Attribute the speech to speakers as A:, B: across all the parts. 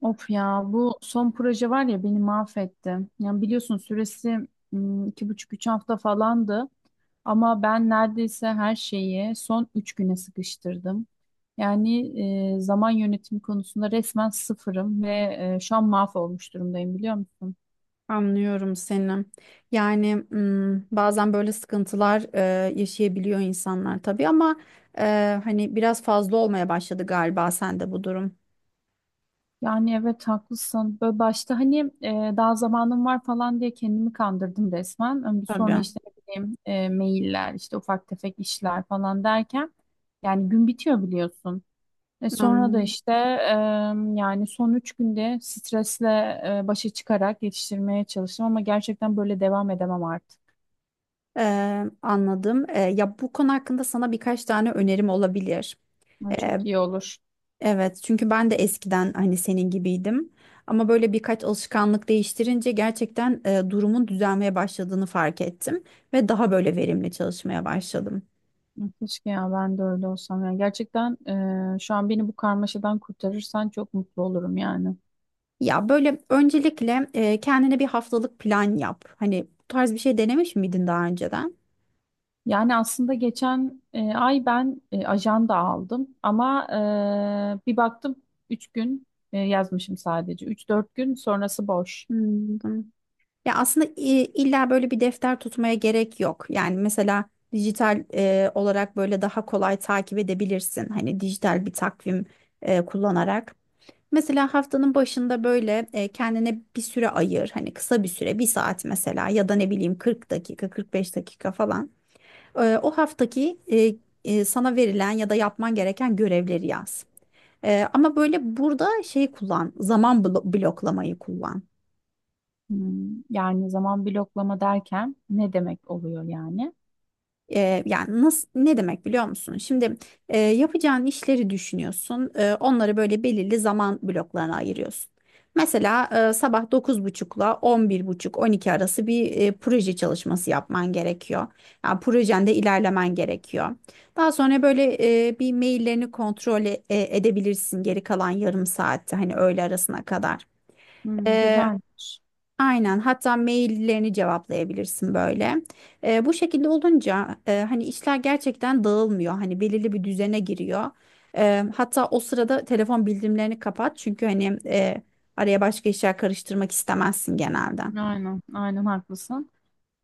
A: Of ya bu son proje var ya beni mahvetti. Yani biliyorsun süresi 2,5-3 hafta falandı. Ama ben neredeyse her şeyi son 3 güne sıkıştırdım. Yani zaman yönetimi konusunda resmen sıfırım ve şu an mahvolmuş durumdayım biliyor musun?
B: Anlıyorum seni. Yani bazen böyle sıkıntılar yaşayabiliyor insanlar tabii ama hani biraz fazla olmaya başladı galiba sende bu durum.
A: Yani evet, haklısın. Böyle başta hani daha zamanım var falan diye kendimi kandırdım resmen. Ama sonra
B: Tabii.
A: işte ne bileyim mailler, işte ufak tefek işler falan derken yani gün bitiyor, biliyorsun. Sonra da
B: Anladım.
A: işte yani son 3 günde stresle başa çıkarak yetiştirmeye çalıştım ama gerçekten böyle devam edemem artık.
B: Anladım. Ya bu konu hakkında sana birkaç tane önerim olabilir.
A: Ay,
B: E,
A: çok iyi olur.
B: evet çünkü ben de eskiden hani senin gibiydim. Ama böyle birkaç alışkanlık değiştirince gerçekten durumun düzelmeye başladığını fark ettim ve daha böyle verimli çalışmaya başladım.
A: Keşke ya ben de öyle olsam. Yani gerçekten şu an beni bu karmaşadan kurtarırsan çok mutlu olurum yani.
B: Ya böyle öncelikle kendine bir haftalık plan yap. Hani bu tarz bir şey denemiş miydin daha önceden?
A: Yani aslında geçen ay ben ajanda aldım ama bir baktım 3 gün yazmışım sadece. 3-4 gün sonrası boş.
B: Hmm. Ya aslında illa böyle bir defter tutmaya gerek yok. Yani mesela dijital olarak böyle daha kolay takip edebilirsin. Hani dijital bir takvim kullanarak. Mesela haftanın başında böyle kendine bir süre ayır. Hani kısa bir süre, bir saat mesela ya da ne bileyim 40 dakika, 45 dakika falan. O haftaki sana verilen ya da yapman gereken görevleri yaz. Ama böyle burada şey kullan, zaman bloklamayı kullan.
A: Hmm, yani zaman bloklama derken ne demek oluyor yani?
B: Yani nasıl ne demek biliyor musun? Şimdi yapacağın işleri düşünüyorsun. Onları böyle belirli zaman bloklarına ayırıyorsun. Mesela sabah dokuz buçukla on bir buçuk 12 arası bir proje çalışması yapman gerekiyor. Yani projende ilerlemen gerekiyor. Daha sonra böyle bir maillerini kontrol edebilirsin geri kalan yarım saatte hani öğle arasına kadar.
A: Hmm, güzelmiş.
B: Aynen. Hatta maillerini cevaplayabilirsin böyle. Bu şekilde olunca hani işler gerçekten dağılmıyor. Hani belirli bir düzene giriyor. Hatta o sırada telefon bildirimlerini kapat. Çünkü hani araya başka işler karıştırmak istemezsin genelde.
A: Aynen, aynen haklısın.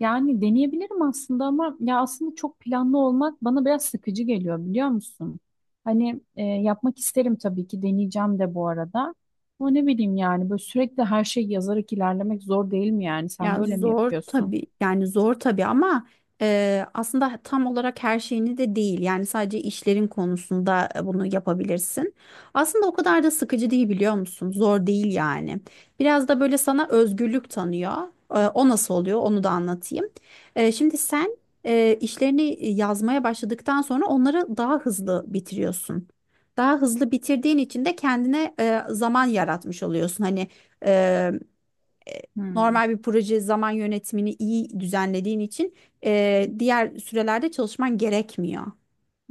A: Yani deneyebilirim aslında ama ya aslında çok planlı olmak bana biraz sıkıcı geliyor, biliyor musun? Hani yapmak isterim tabii ki, deneyeceğim de bu arada. Ama ne bileyim yani, böyle sürekli her şeyi yazarak ilerlemek zor değil mi yani? Sen
B: Ya
A: böyle mi
B: zor
A: yapıyorsun?
B: tabii yani zor tabii ama aslında tam olarak her şeyini de değil. Yani sadece işlerin konusunda bunu yapabilirsin. Aslında o kadar da sıkıcı değil biliyor musun? Zor değil yani. Biraz da böyle sana özgürlük tanıyor. O nasıl oluyor onu da anlatayım. Şimdi sen işlerini yazmaya başladıktan sonra onları daha hızlı bitiriyorsun. Daha hızlı bitirdiğin için de kendine zaman yaratmış oluyorsun. Hani
A: Hmm.
B: normal bir proje zaman yönetimini iyi düzenlediğin için diğer sürelerde çalışman gerekmiyor.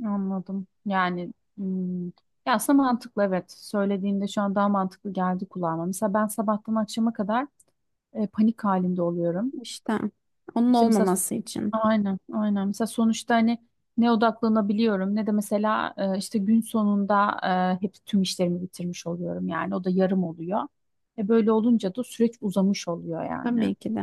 A: Anladım. Yani ya aslında mantıklı, evet. Söylediğinde şu an daha mantıklı geldi kulağıma. Mesela ben sabahtan akşama kadar panik halinde oluyorum.
B: İşte onun
A: İşte mesela
B: olmaması için.
A: aynen, aynen. Mesela sonuçta hani ne odaklanabiliyorum ne de mesela işte gün sonunda hep tüm işlerimi bitirmiş oluyorum yani. O da yarım oluyor. Böyle olunca da süreç uzamış oluyor
B: Tabii
A: yani.
B: ki de.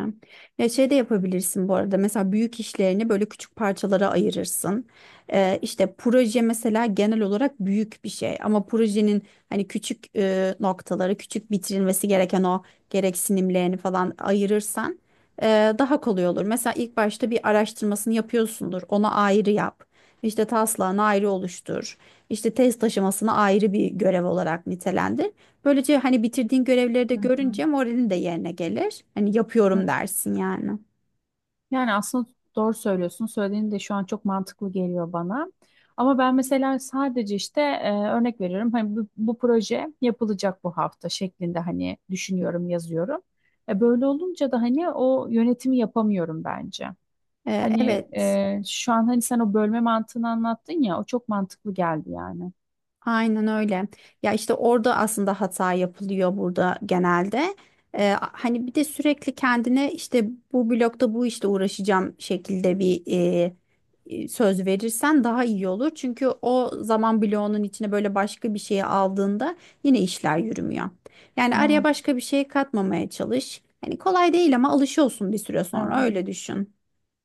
B: Ya şey de yapabilirsin bu arada. Mesela büyük işlerini böyle küçük parçalara ayırırsın. İşte proje mesela genel olarak büyük bir şey. Ama projenin hani küçük noktaları, küçük bitirilmesi gereken o gereksinimlerini falan ayırırsan e, daha kolay olur. Mesela ilk başta bir araştırmasını yapıyorsundur. Ona ayrı yap. İşte taslağını ayrı oluştur. İşte test aşamasını ayrı bir görev olarak nitelendir. Böylece hani bitirdiğin görevleri de
A: Hı hı.
B: görünce moralin de yerine gelir. Hani yapıyorum dersin yani.
A: Yani aslında doğru söylüyorsun. Söylediğin de şu an çok mantıklı geliyor bana. Ama ben mesela sadece işte örnek veriyorum. Hani bu proje yapılacak bu hafta şeklinde hani düşünüyorum, yazıyorum. Böyle olunca da hani o yönetimi yapamıyorum bence.
B: Ee,
A: Hani
B: evet.
A: şu an hani sen o bölme mantığını anlattın ya, o çok mantıklı geldi yani.
B: Aynen öyle. Ya işte orada aslında hata yapılıyor burada genelde. Hani bir de sürekli kendine işte bu blokta bu işte uğraşacağım şekilde bir söz verirsen daha iyi olur. Çünkü o zaman bloğunun içine böyle başka bir şeyi aldığında yine işler yürümüyor. Yani araya
A: Evet,
B: başka bir şey katmamaya çalış. Hani kolay değil ama alışıyorsun bir süre sonra
A: evet.
B: öyle düşün.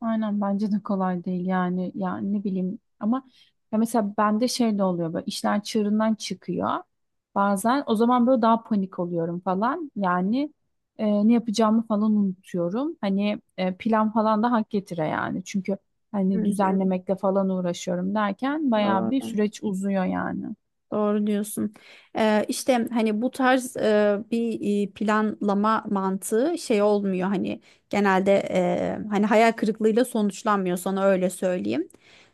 A: Aynen, bence de kolay değil yani ne bileyim ama ya mesela bende şey de oluyor, böyle işler çığırından çıkıyor bazen. O zaman böyle daha panik oluyorum falan yani, ne yapacağımı falan unutuyorum, hani plan falan da hak getire yani. Çünkü hani
B: Hı hı,
A: düzenlemekle falan uğraşıyorum derken bayağı bir
B: doğru.
A: süreç uzuyor yani.
B: Doğru diyorsun. İşte hani bu tarz bir planlama mantığı şey olmuyor hani genelde hani hayal kırıklığıyla sonuçlanmıyor sana öyle söyleyeyim.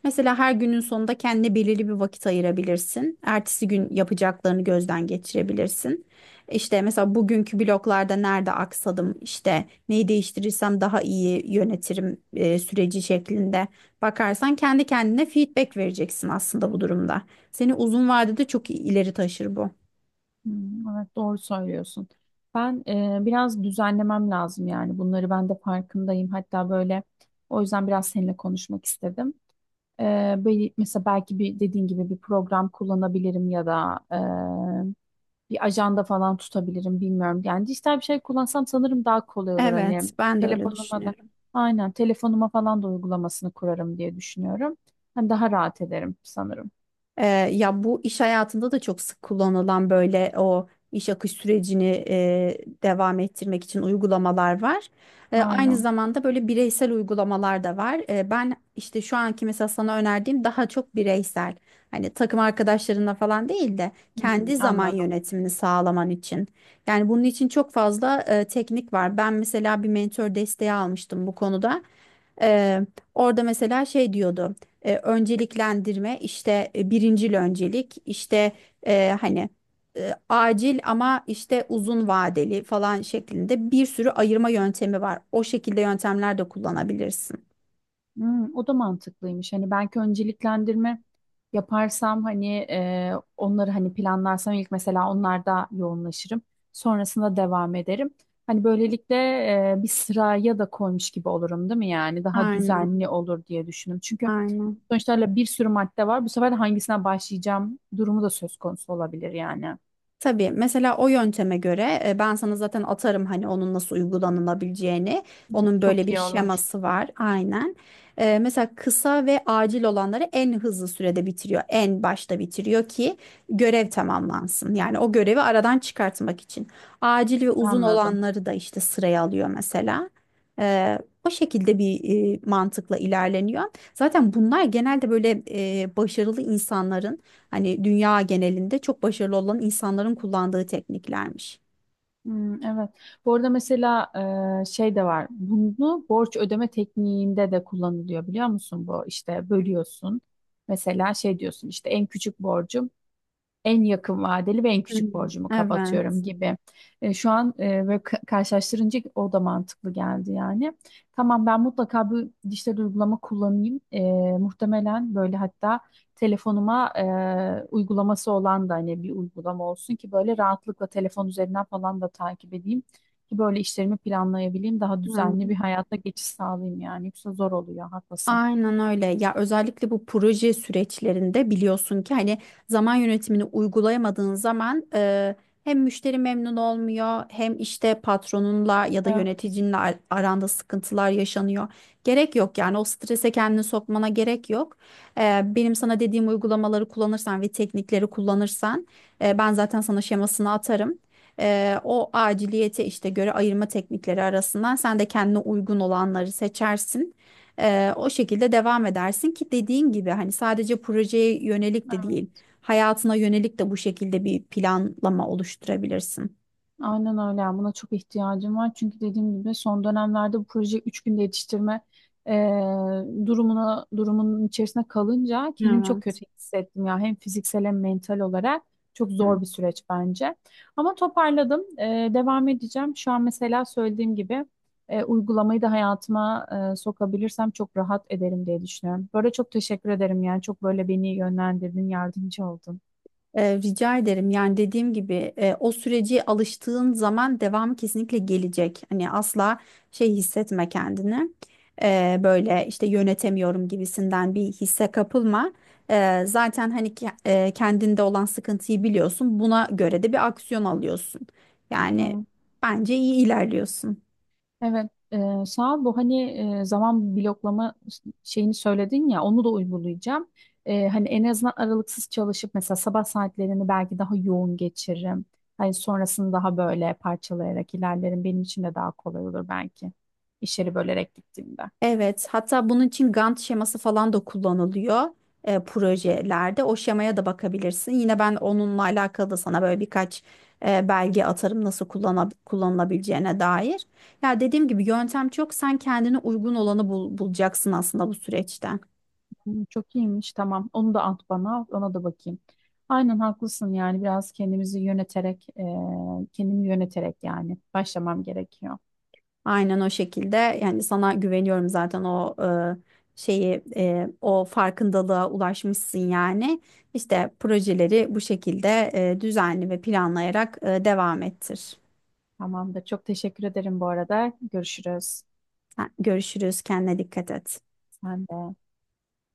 B: Mesela her günün sonunda kendine belirli bir vakit ayırabilirsin. Ertesi gün yapacaklarını gözden geçirebilirsin. İşte mesela bugünkü bloklarda nerede aksadım işte neyi değiştirirsem daha iyi yönetirim süreci şeklinde bakarsan kendi kendine feedback vereceksin aslında bu durumda. Seni uzun vadede çok ileri taşır bu.
A: Hmm, evet, doğru söylüyorsun. Ben biraz düzenlemem lazım yani bunları, ben de farkındayım, hatta böyle o yüzden biraz seninle konuşmak istedim. Böyle mesela belki bir dediğin gibi bir program kullanabilirim ya da bir ajanda falan tutabilirim, bilmiyorum. Yani dijital bir şey kullansam sanırım daha kolay olur,
B: Evet,
A: hani
B: ben de öyle
A: telefonuma da
B: düşünüyorum.
A: aynen telefonuma falan da uygulamasını kurarım diye düşünüyorum. Hani daha rahat ederim sanırım.
B: Ee, ya bu iş hayatında da çok sık kullanılan böyle o iş akış sürecini devam ettirmek için uygulamalar var. Aynı
A: Aynen.
B: zamanda böyle bireysel uygulamalar da var. Ben işte şu anki mesela sana önerdiğim daha çok bireysel. Hani takım arkadaşlarınla falan değil de
A: Hmm,
B: kendi zaman
A: anladım.
B: yönetimini sağlaman için. Yani bunun için çok fazla teknik var. Ben mesela bir mentor desteği almıştım bu konuda. E, orada mesela şey diyordu önceliklendirme işte birincil öncelik işte hani acil ama işte uzun vadeli falan şeklinde bir sürü ayırma yöntemi var. O şekilde yöntemler de kullanabilirsin.
A: Hmm, o da mantıklıymış. Hani belki önceliklendirme yaparsam hani onları hani planlarsam ilk, mesela onlarda yoğunlaşırım. Sonrasında devam ederim. Hani böylelikle bir sıraya da koymuş gibi olurum değil mi yani? Daha
B: Aynen,
A: düzenli olur diye düşündüm. Çünkü
B: aynen.
A: sonuçta öyle bir sürü madde var. Bu sefer de hangisine başlayacağım durumu da söz konusu olabilir yani.
B: Tabii mesela o yönteme göre ben sana zaten atarım hani onun nasıl uygulanılabileceğini. Onun
A: Çok
B: böyle bir
A: iyi olur.
B: şeması var aynen. Mesela kısa ve acil olanları en hızlı sürede bitiriyor. En başta bitiriyor ki görev tamamlansın. Yani o görevi aradan çıkartmak için. Acil ve uzun
A: Anladım.
B: olanları da işte sıraya alıyor mesela. E, o şekilde bir mantıkla ilerleniyor. Zaten bunlar genelde böyle başarılı insanların hani dünya genelinde çok başarılı olan insanların kullandığı tekniklermiş.
A: Hmm, evet. Bu arada mesela şey de var. Bunu borç ödeme tekniğinde de kullanılıyor, biliyor musun? Bu işte bölüyorsun. Mesela şey diyorsun, işte en küçük borcum, en yakın vadeli ve en küçük
B: Hmm.
A: borcumu kapatıyorum
B: Evet.
A: gibi. Şu an böyle karşılaştırınca o da mantıklı geldi yani. Tamam, ben mutlaka bir dijital uygulama kullanayım. Muhtemelen böyle, hatta telefonuma uygulaması olan da, hani bir uygulama olsun ki böyle rahatlıkla telefon üzerinden falan da takip edeyim. Ki böyle işlerimi planlayabileyim, daha
B: Evet.
A: düzenli bir hayata geçiş sağlayayım yani. Yoksa zor oluyor, haklısın.
B: Aynen öyle. Ya özellikle bu proje süreçlerinde biliyorsun ki hani zaman yönetimini uygulayamadığın zaman hem müşteri memnun olmuyor hem işte patronunla ya da
A: Evet.
B: yöneticinle aranda sıkıntılar yaşanıyor. Gerek yok yani o strese kendini sokmana gerek yok. Benim sana dediğim uygulamaları kullanırsan ve teknikleri kullanırsan ben zaten sana şemasını atarım. O aciliyete işte göre ayırma teknikleri arasından sen de kendine uygun olanları seçersin. O şekilde devam edersin ki dediğin gibi hani sadece projeye yönelik de değil, hayatına yönelik de bu şekilde bir planlama oluşturabilirsin.
A: Aynen öyle. Yani buna çok ihtiyacım var. Çünkü dediğim gibi son dönemlerde bu proje 3 günde yetiştirme durumun içerisine kalınca kendimi çok
B: Evet.
A: kötü hissettim ya. Hem fiziksel hem mental olarak çok
B: Hı.
A: zor bir süreç bence. Ama toparladım. Devam edeceğim. Şu an mesela söylediğim gibi uygulamayı da hayatıma sokabilirsem çok rahat ederim diye düşünüyorum. Böyle çok teşekkür ederim yani. Çok böyle beni yönlendirdin, yardımcı oldun.
B: Rica ederim. Yani dediğim gibi o süreci alıştığın zaman devamı kesinlikle gelecek. Hani asla şey hissetme kendini. Böyle işte yönetemiyorum gibisinden bir hisse kapılma. Zaten hani kendinde olan sıkıntıyı biliyorsun. Buna göre de bir aksiyon alıyorsun. Yani
A: Hı.
B: bence iyi ilerliyorsun.
A: Evet, sağ ol. Bu hani zaman bloklama şeyini söyledin ya, onu da uygulayacağım. Hani en azından aralıksız çalışıp mesela sabah saatlerini belki daha yoğun geçiririm. Hani sonrasını daha böyle parçalayarak ilerlerim. Benim için de daha kolay olur belki. İşleri bölerek gittiğimde.
B: Evet, hatta bunun için Gantt şeması falan da kullanılıyor projelerde. O şemaya da bakabilirsin. Yine ben onunla alakalı da sana böyle birkaç belge atarım nasıl kullanılabileceğine dair. Ya dediğim gibi yöntem çok. Sen kendine uygun olanı bulacaksın aslında bu süreçten.
A: Hı, çok iyiymiş, tamam. Onu da at bana, ona da bakayım. Aynen haklısın yani biraz kendimi yöneterek yani başlamam gerekiyor.
B: Aynen o şekilde. Yani sana güveniyorum zaten o şeyi, o farkındalığa ulaşmışsın yani. İşte projeleri bu şekilde düzenli ve planlayarak devam ettir.
A: Tamamdır. Çok teşekkür ederim bu arada. Görüşürüz.
B: Görüşürüz. Kendine dikkat et.
A: Sen de.